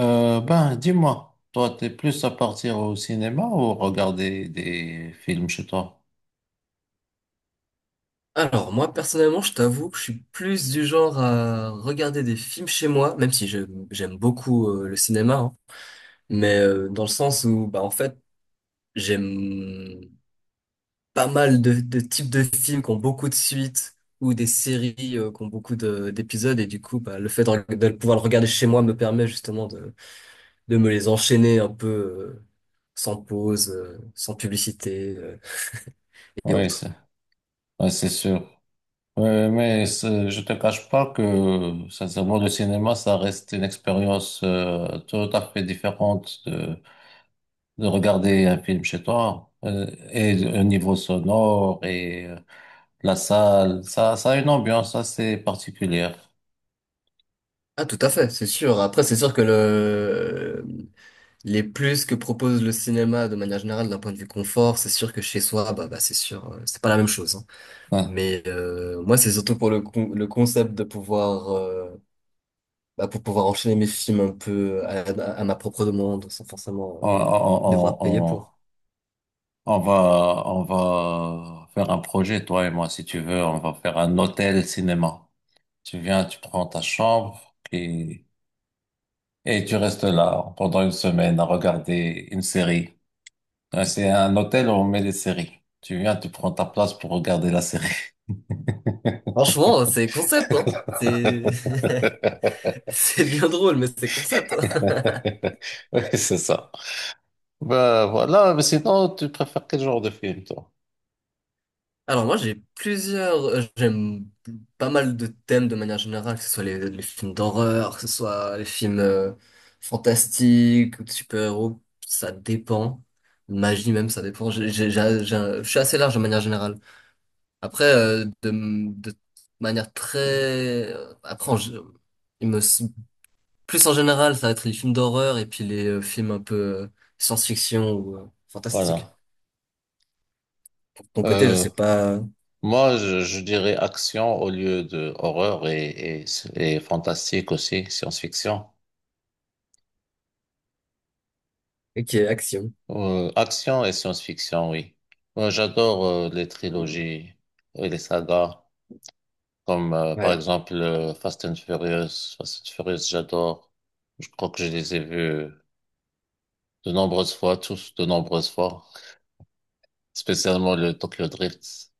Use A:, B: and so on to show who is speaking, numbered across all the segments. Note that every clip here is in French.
A: Dis-moi, toi, t'es plus à partir au cinéma ou regarder des films chez toi?
B: Alors, moi, personnellement, je t'avoue que je suis plus du genre à regarder des films chez moi, même si j'aime beaucoup le cinéma, hein. Mais dans le sens où, bah, en fait, j'aime pas mal de types de films qui ont beaucoup de suites ou des séries qui ont beaucoup d'épisodes, et du coup, bah, le fait de pouvoir le regarder chez moi me permet justement de me les enchaîner un peu sans pause, sans publicité et
A: Oui,
B: autres.
A: c'est ouais, c'est sûr. Ouais, mais je te cache pas que, sincèrement, le cinéma, ça reste une expérience tout à fait différente de regarder un film chez toi. Et au niveau sonore et la salle, ça a une ambiance assez particulière.
B: Ah, tout à fait, c'est sûr. Après, c'est sûr que le les plus que propose le cinéma de manière générale d'un point de vue confort, c'est sûr que chez soi, bah, c'est sûr, c'est pas la même chose, hein.
A: Ouais.
B: Mais moi, c'est surtout pour le, le concept de pouvoir, bah, pour pouvoir enchaîner mes films un peu à ma propre demande, sans forcément
A: On, on, on,
B: devoir payer
A: on-
B: pour.
A: on va faire un projet, toi et moi, si tu veux. On va faire un hôtel cinéma. Tu viens, tu prends ta chambre et tu restes là pendant une semaine à regarder une série. Ouais, c'est un hôtel où on met des séries. Tu viens, tu prends ta place pour regarder la série.
B: Franchement, c'est concept, hein. C'est c'est bien drôle, mais c'est concept, hein.
A: Oui, c'est ça. Ben voilà, mais sinon, tu préfères quel genre de film, toi?
B: Alors moi j'ai plusieurs, j'aime pas mal de thèmes de manière générale, que ce soit les films d'horreur, que ce soit les films fantastiques ou de super-héros, ça dépend. Magie même, ça dépend. Je suis assez large de manière générale. Après, de manière euh, Après, en gé- il me... plus en général, ça va être les films d'horreur et puis les films un peu science-fiction ou fantastique.
A: Voilà.
B: De ton côté, je
A: Euh,
B: sais pas...
A: Moi, je dirais action au lieu de horreur et fantastique aussi, science-fiction.
B: Ok, action.
A: Action et science-fiction, oui. Moi, j'adore les trilogies et les sagas, comme par
B: Ouais,
A: exemple Fast and Furious. Fast and Furious, j'adore. Je crois que je les ai vus de nombreuses fois, tous de nombreuses fois, spécialement le Tokyo Drift.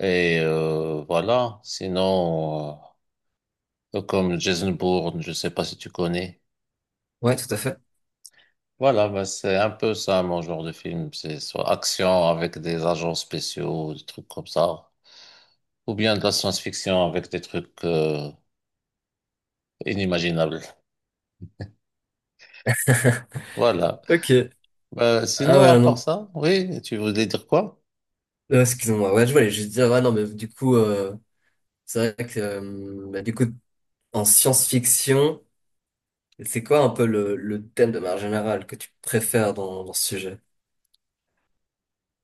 A: Et voilà, sinon, comme Jason Bourne, je sais pas si tu connais.
B: ouais, tout à fait.
A: Voilà, bah, c'est un peu ça mon genre de film. C'est soit action avec des agents spéciaux, des trucs comme ça, ou bien de la science-fiction avec des trucs inimaginables. Voilà.
B: Ok.
A: Bah,
B: Ah
A: sinon, à
B: ouais,
A: part
B: non.
A: ça, oui, tu voulais dire quoi?
B: Excuse-moi. Ouais, je voulais juste dire, ouais, non, mais du coup, c'est vrai que, bah, du coup, en science-fiction, c'est quoi un peu le thème de manière générale que tu préfères dans, dans ce sujet?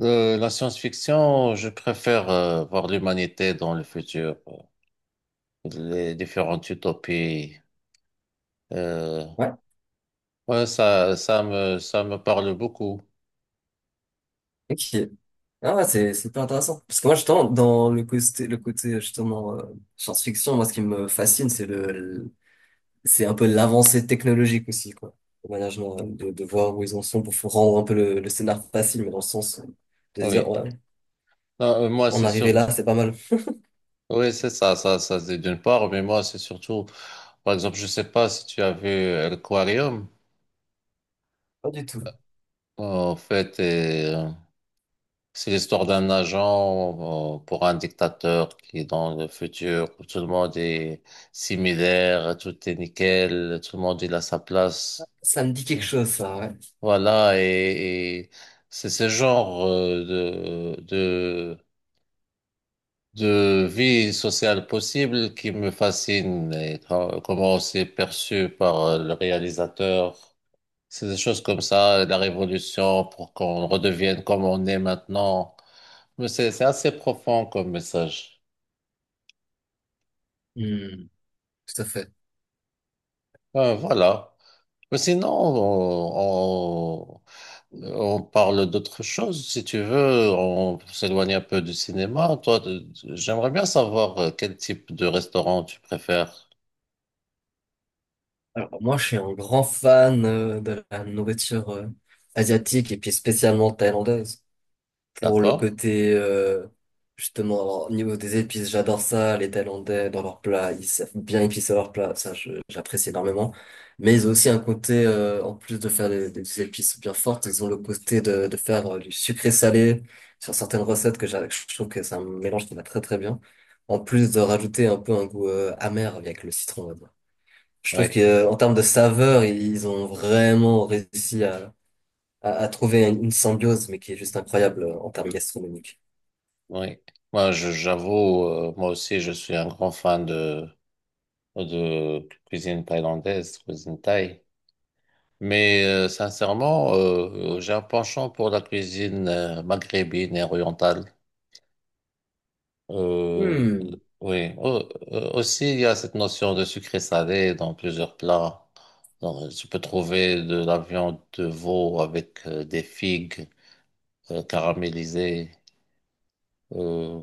A: La science-fiction, je préfère voir l'humanité dans le futur, les différentes utopies. Euh,
B: Ouais.
A: ouais, ça me parle beaucoup.
B: Ok. Ah ouais, c'est pas intéressant. Parce que moi, justement, dans le côté, justement, science-fiction, moi, ce qui me fascine, c'est le, c'est un peu l'avancée technologique aussi, quoi. De manière générale, de voir où ils en sont pour rendre un peu le scénar facile, mais dans le sens de se dire,
A: Oui.
B: ouais,
A: Non, moi,
B: on
A: c'est
B: arrivait là,
A: surtout.
B: c'est pas mal.
A: Oui, c'est ça, c'est d'une part, mais moi, c'est surtout. Par exemple, je sais pas si tu as vu Aquarium.
B: Pas du tout.
A: En fait, c'est l'histoire d'un agent pour un dictateur qui est dans le futur. Où tout le monde est similaire, tout est nickel, tout le monde il a sa place.
B: Ça me dit
A: C'est-
B: quelque chose, ça, ouais.
A: Voilà, et c'est ce genre de de vie sociale possible qui me fascine et comment c'est perçu par le réalisateur. C'est des choses comme ça, la révolution pour qu'on redevienne comme on est maintenant. Mais c'est assez profond comme message.
B: Hmm, tout à fait.
A: Voilà. Mais sinon, on parle d'autre chose, si tu veux. On s'éloigne un peu du cinéma. Toi, j'aimerais bien savoir quel type de restaurant tu préfères.
B: Alors, moi, je suis un grand fan de la nourriture asiatique et puis spécialement thaïlandaise. Pour le
A: D'accord?
B: côté justement alors, au niveau des épices, j'adore ça. Les Thaïlandais dans leurs plats, ils savent bien épicer leurs plats, ça j'apprécie énormément, mais ils ont aussi un côté en plus de faire des épices bien fortes, ils ont le côté de faire du sucré salé sur certaines recettes que je trouve que c'est un mélange qui va très très bien, en plus de rajouter un peu un goût amer avec le citron on va dire. Je trouve
A: Oui.
B: que en termes de saveur, ils ont vraiment réussi à à trouver une symbiose, mais qui est juste incroyable en termes gastronomiques.
A: Oui, j'avoue, moi aussi je suis un grand fan de cuisine thaïlandaise, cuisine thaï. Mais sincèrement, j'ai un penchant pour la cuisine maghrébine et orientale. Euh,
B: Hmm.
A: oui, aussi il y a cette notion de sucré salé dans plusieurs plats. Donc, tu peux trouver de la viande de veau avec des figues caramélisées. Euh,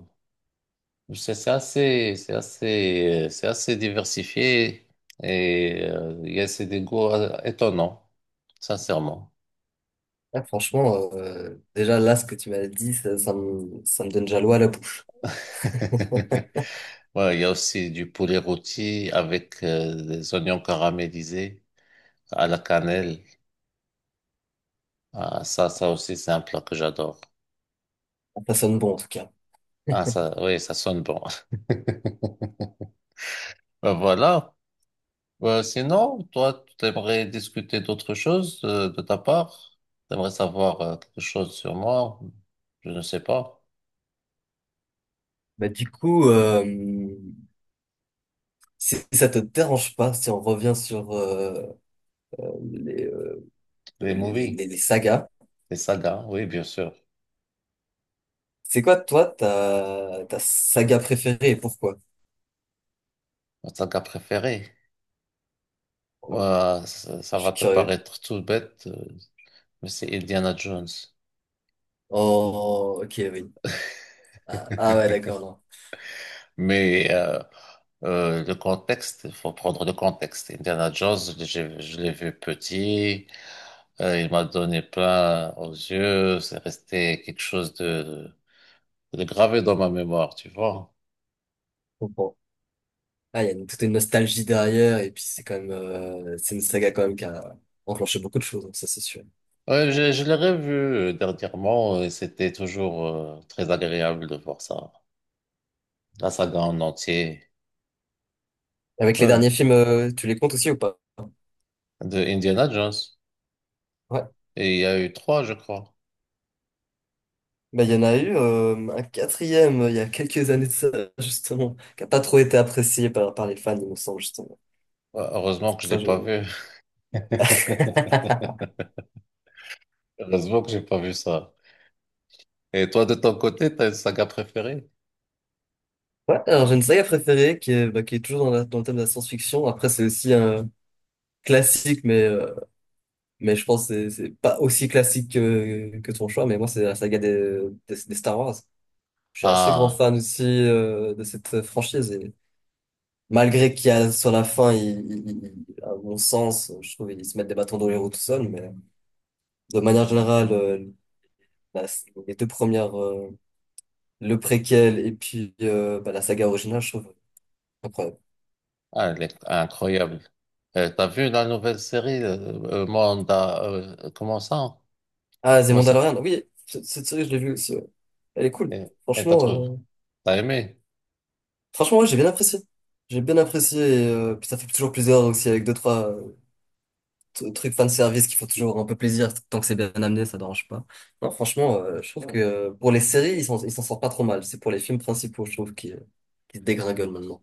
A: C'est c'est assez diversifié et il y a c'est des goûts étonnants, sincèrement.
B: Ah, franchement, déjà là, ce que tu m'as dit, ça, ça me donne déjà l'eau à la bouche.
A: Ouais, il y a aussi du poulet rôti avec des oignons caramélisés à la cannelle. Ah, ça aussi, c'est un plat que j'adore.
B: Ça sonne bon en tout cas.
A: Ah, ça, oui, ça sonne bon. Ben voilà. Sinon, toi, tu aimerais discuter d'autre chose de ta part? T'aimerais savoir quelque chose sur moi? Je ne sais pas.
B: Bah, du coup, si si ça te dérange pas, si on revient sur les, euh,
A: Les
B: les,
A: movies,
B: sagas,
A: les sagas, oui, bien sûr.
B: c'est quoi toi ta, ta saga préférée et pourquoi?
A: Ma saga préférée.
B: Ouais,
A: Ouah, ça
B: je
A: va
B: suis
A: te
B: curieux.
A: paraître tout bête, mais c'est Indiana Jones.
B: Oh, ok, oui. Ah, ah ouais, d'accord, non.
A: Mais le contexte, il faut prendre le contexte. Indiana Jones, je l'ai vu petit, il m'a donné plein aux yeux, c'est resté quelque chose de gravé dans ma mémoire, tu vois.
B: Je comprends. Ah, il y a toute une nostalgie derrière et puis c'est quand même, c'est une saga quand même qui a enclenché beaucoup de choses, hein, ça c'est sûr.
A: Ouais, je l'ai revu dernièrement et c'était toujours très agréable de voir ça, la saga en entier.
B: Avec les
A: Ouais,
B: derniers films, tu les comptes aussi ou pas?
A: de Indiana Jones.
B: Ouais.
A: Et il y a eu 3, je crois.
B: Bah, il y en a eu un quatrième il y a quelques années de ça, justement, qui a pas trop été apprécié par, par les fans, il me semble, justement.
A: Ouais, heureusement que je l'ai
B: Ça,
A: pas vu.
B: je-
A: Heureusement que j'ai pas vu ça. Et toi, de ton côté, t'as une saga préférée?
B: Ouais, alors j'ai une saga préférée qui est, bah, qui est toujours dans, dans le thème de la science-fiction. Après, c'est aussi un classique, mais je pense que c'est pas aussi classique que ton choix. Mais moi, c'est la saga des Star Wars. Je suis assez grand
A: Ah,
B: fan aussi de cette franchise. Malgré qu'il y a, sur la fin, il, à mon sens, je trouve qu'ils se mettent des bâtons dans les roues tout seuls, mais de manière générale, la- les deux premières, le préquel et puis bah, la saga originale, je trouve incroyable.
A: ah, elle est incroyable. T'as vu la nouvelle série, Manda, comment ça?
B: Ah, The
A: Moi, ça.
B: Mandalorian, oui, cette série, je l'ai vue aussi, ouais. Elle est cool.
A: Et et t'as
B: Franchement,
A: trouvé,
B: euh,
A: t'as aimé.
B: franchement, ouais, j'ai bien apprécié. J'ai bien apprécié et puis ça fait toujours plaisir aussi avec deux, trois truc fan service qui font toujours un peu plaisir tant que c'est bien amené, ça dérange pas. Non, franchement, je trouve que pour les séries, ils s'en sortent pas trop mal. C'est pour les films principaux, je trouve, qui se dégringolent maintenant.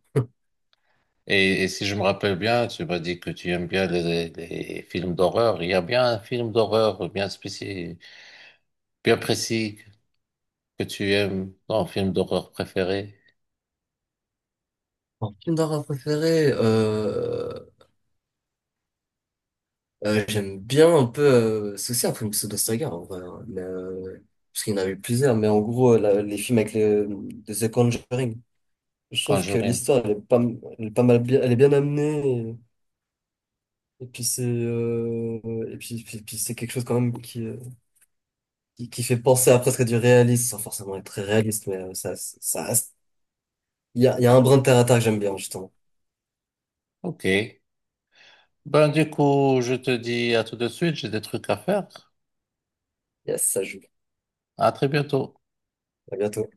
A: Et si je me rappelle bien, tu m'as dit que tu aimes bien les films d'horreur. Il y a bien un film d'horreur bien spécifique, bien précis que tu aimes, ton film d'horreur préféré,
B: Mon film d'horreur préféré, j'aime bien un peu, c'est aussi un film pseudo-saga, en vrai, hein, mais, parce qu'il y en a eu plusieurs, mais en gros, les films avec le, de The Conjuring, je trouve que
A: Conjuring.
B: l'histoire, elle est pas, elle est pas mal bien, elle est bien amenée, et puis c'est, et puis, c'est quelque chose quand même qui fait penser à presque du réalisme, sans forcément être très réaliste, mais ça, ça, il y a un brin de terre à terre que j'aime bien, justement.
A: Ok. Ben, du coup, je te dis à tout de suite, j'ai des trucs à faire.
B: Yes, ça joue.
A: À très bientôt.
B: À bientôt.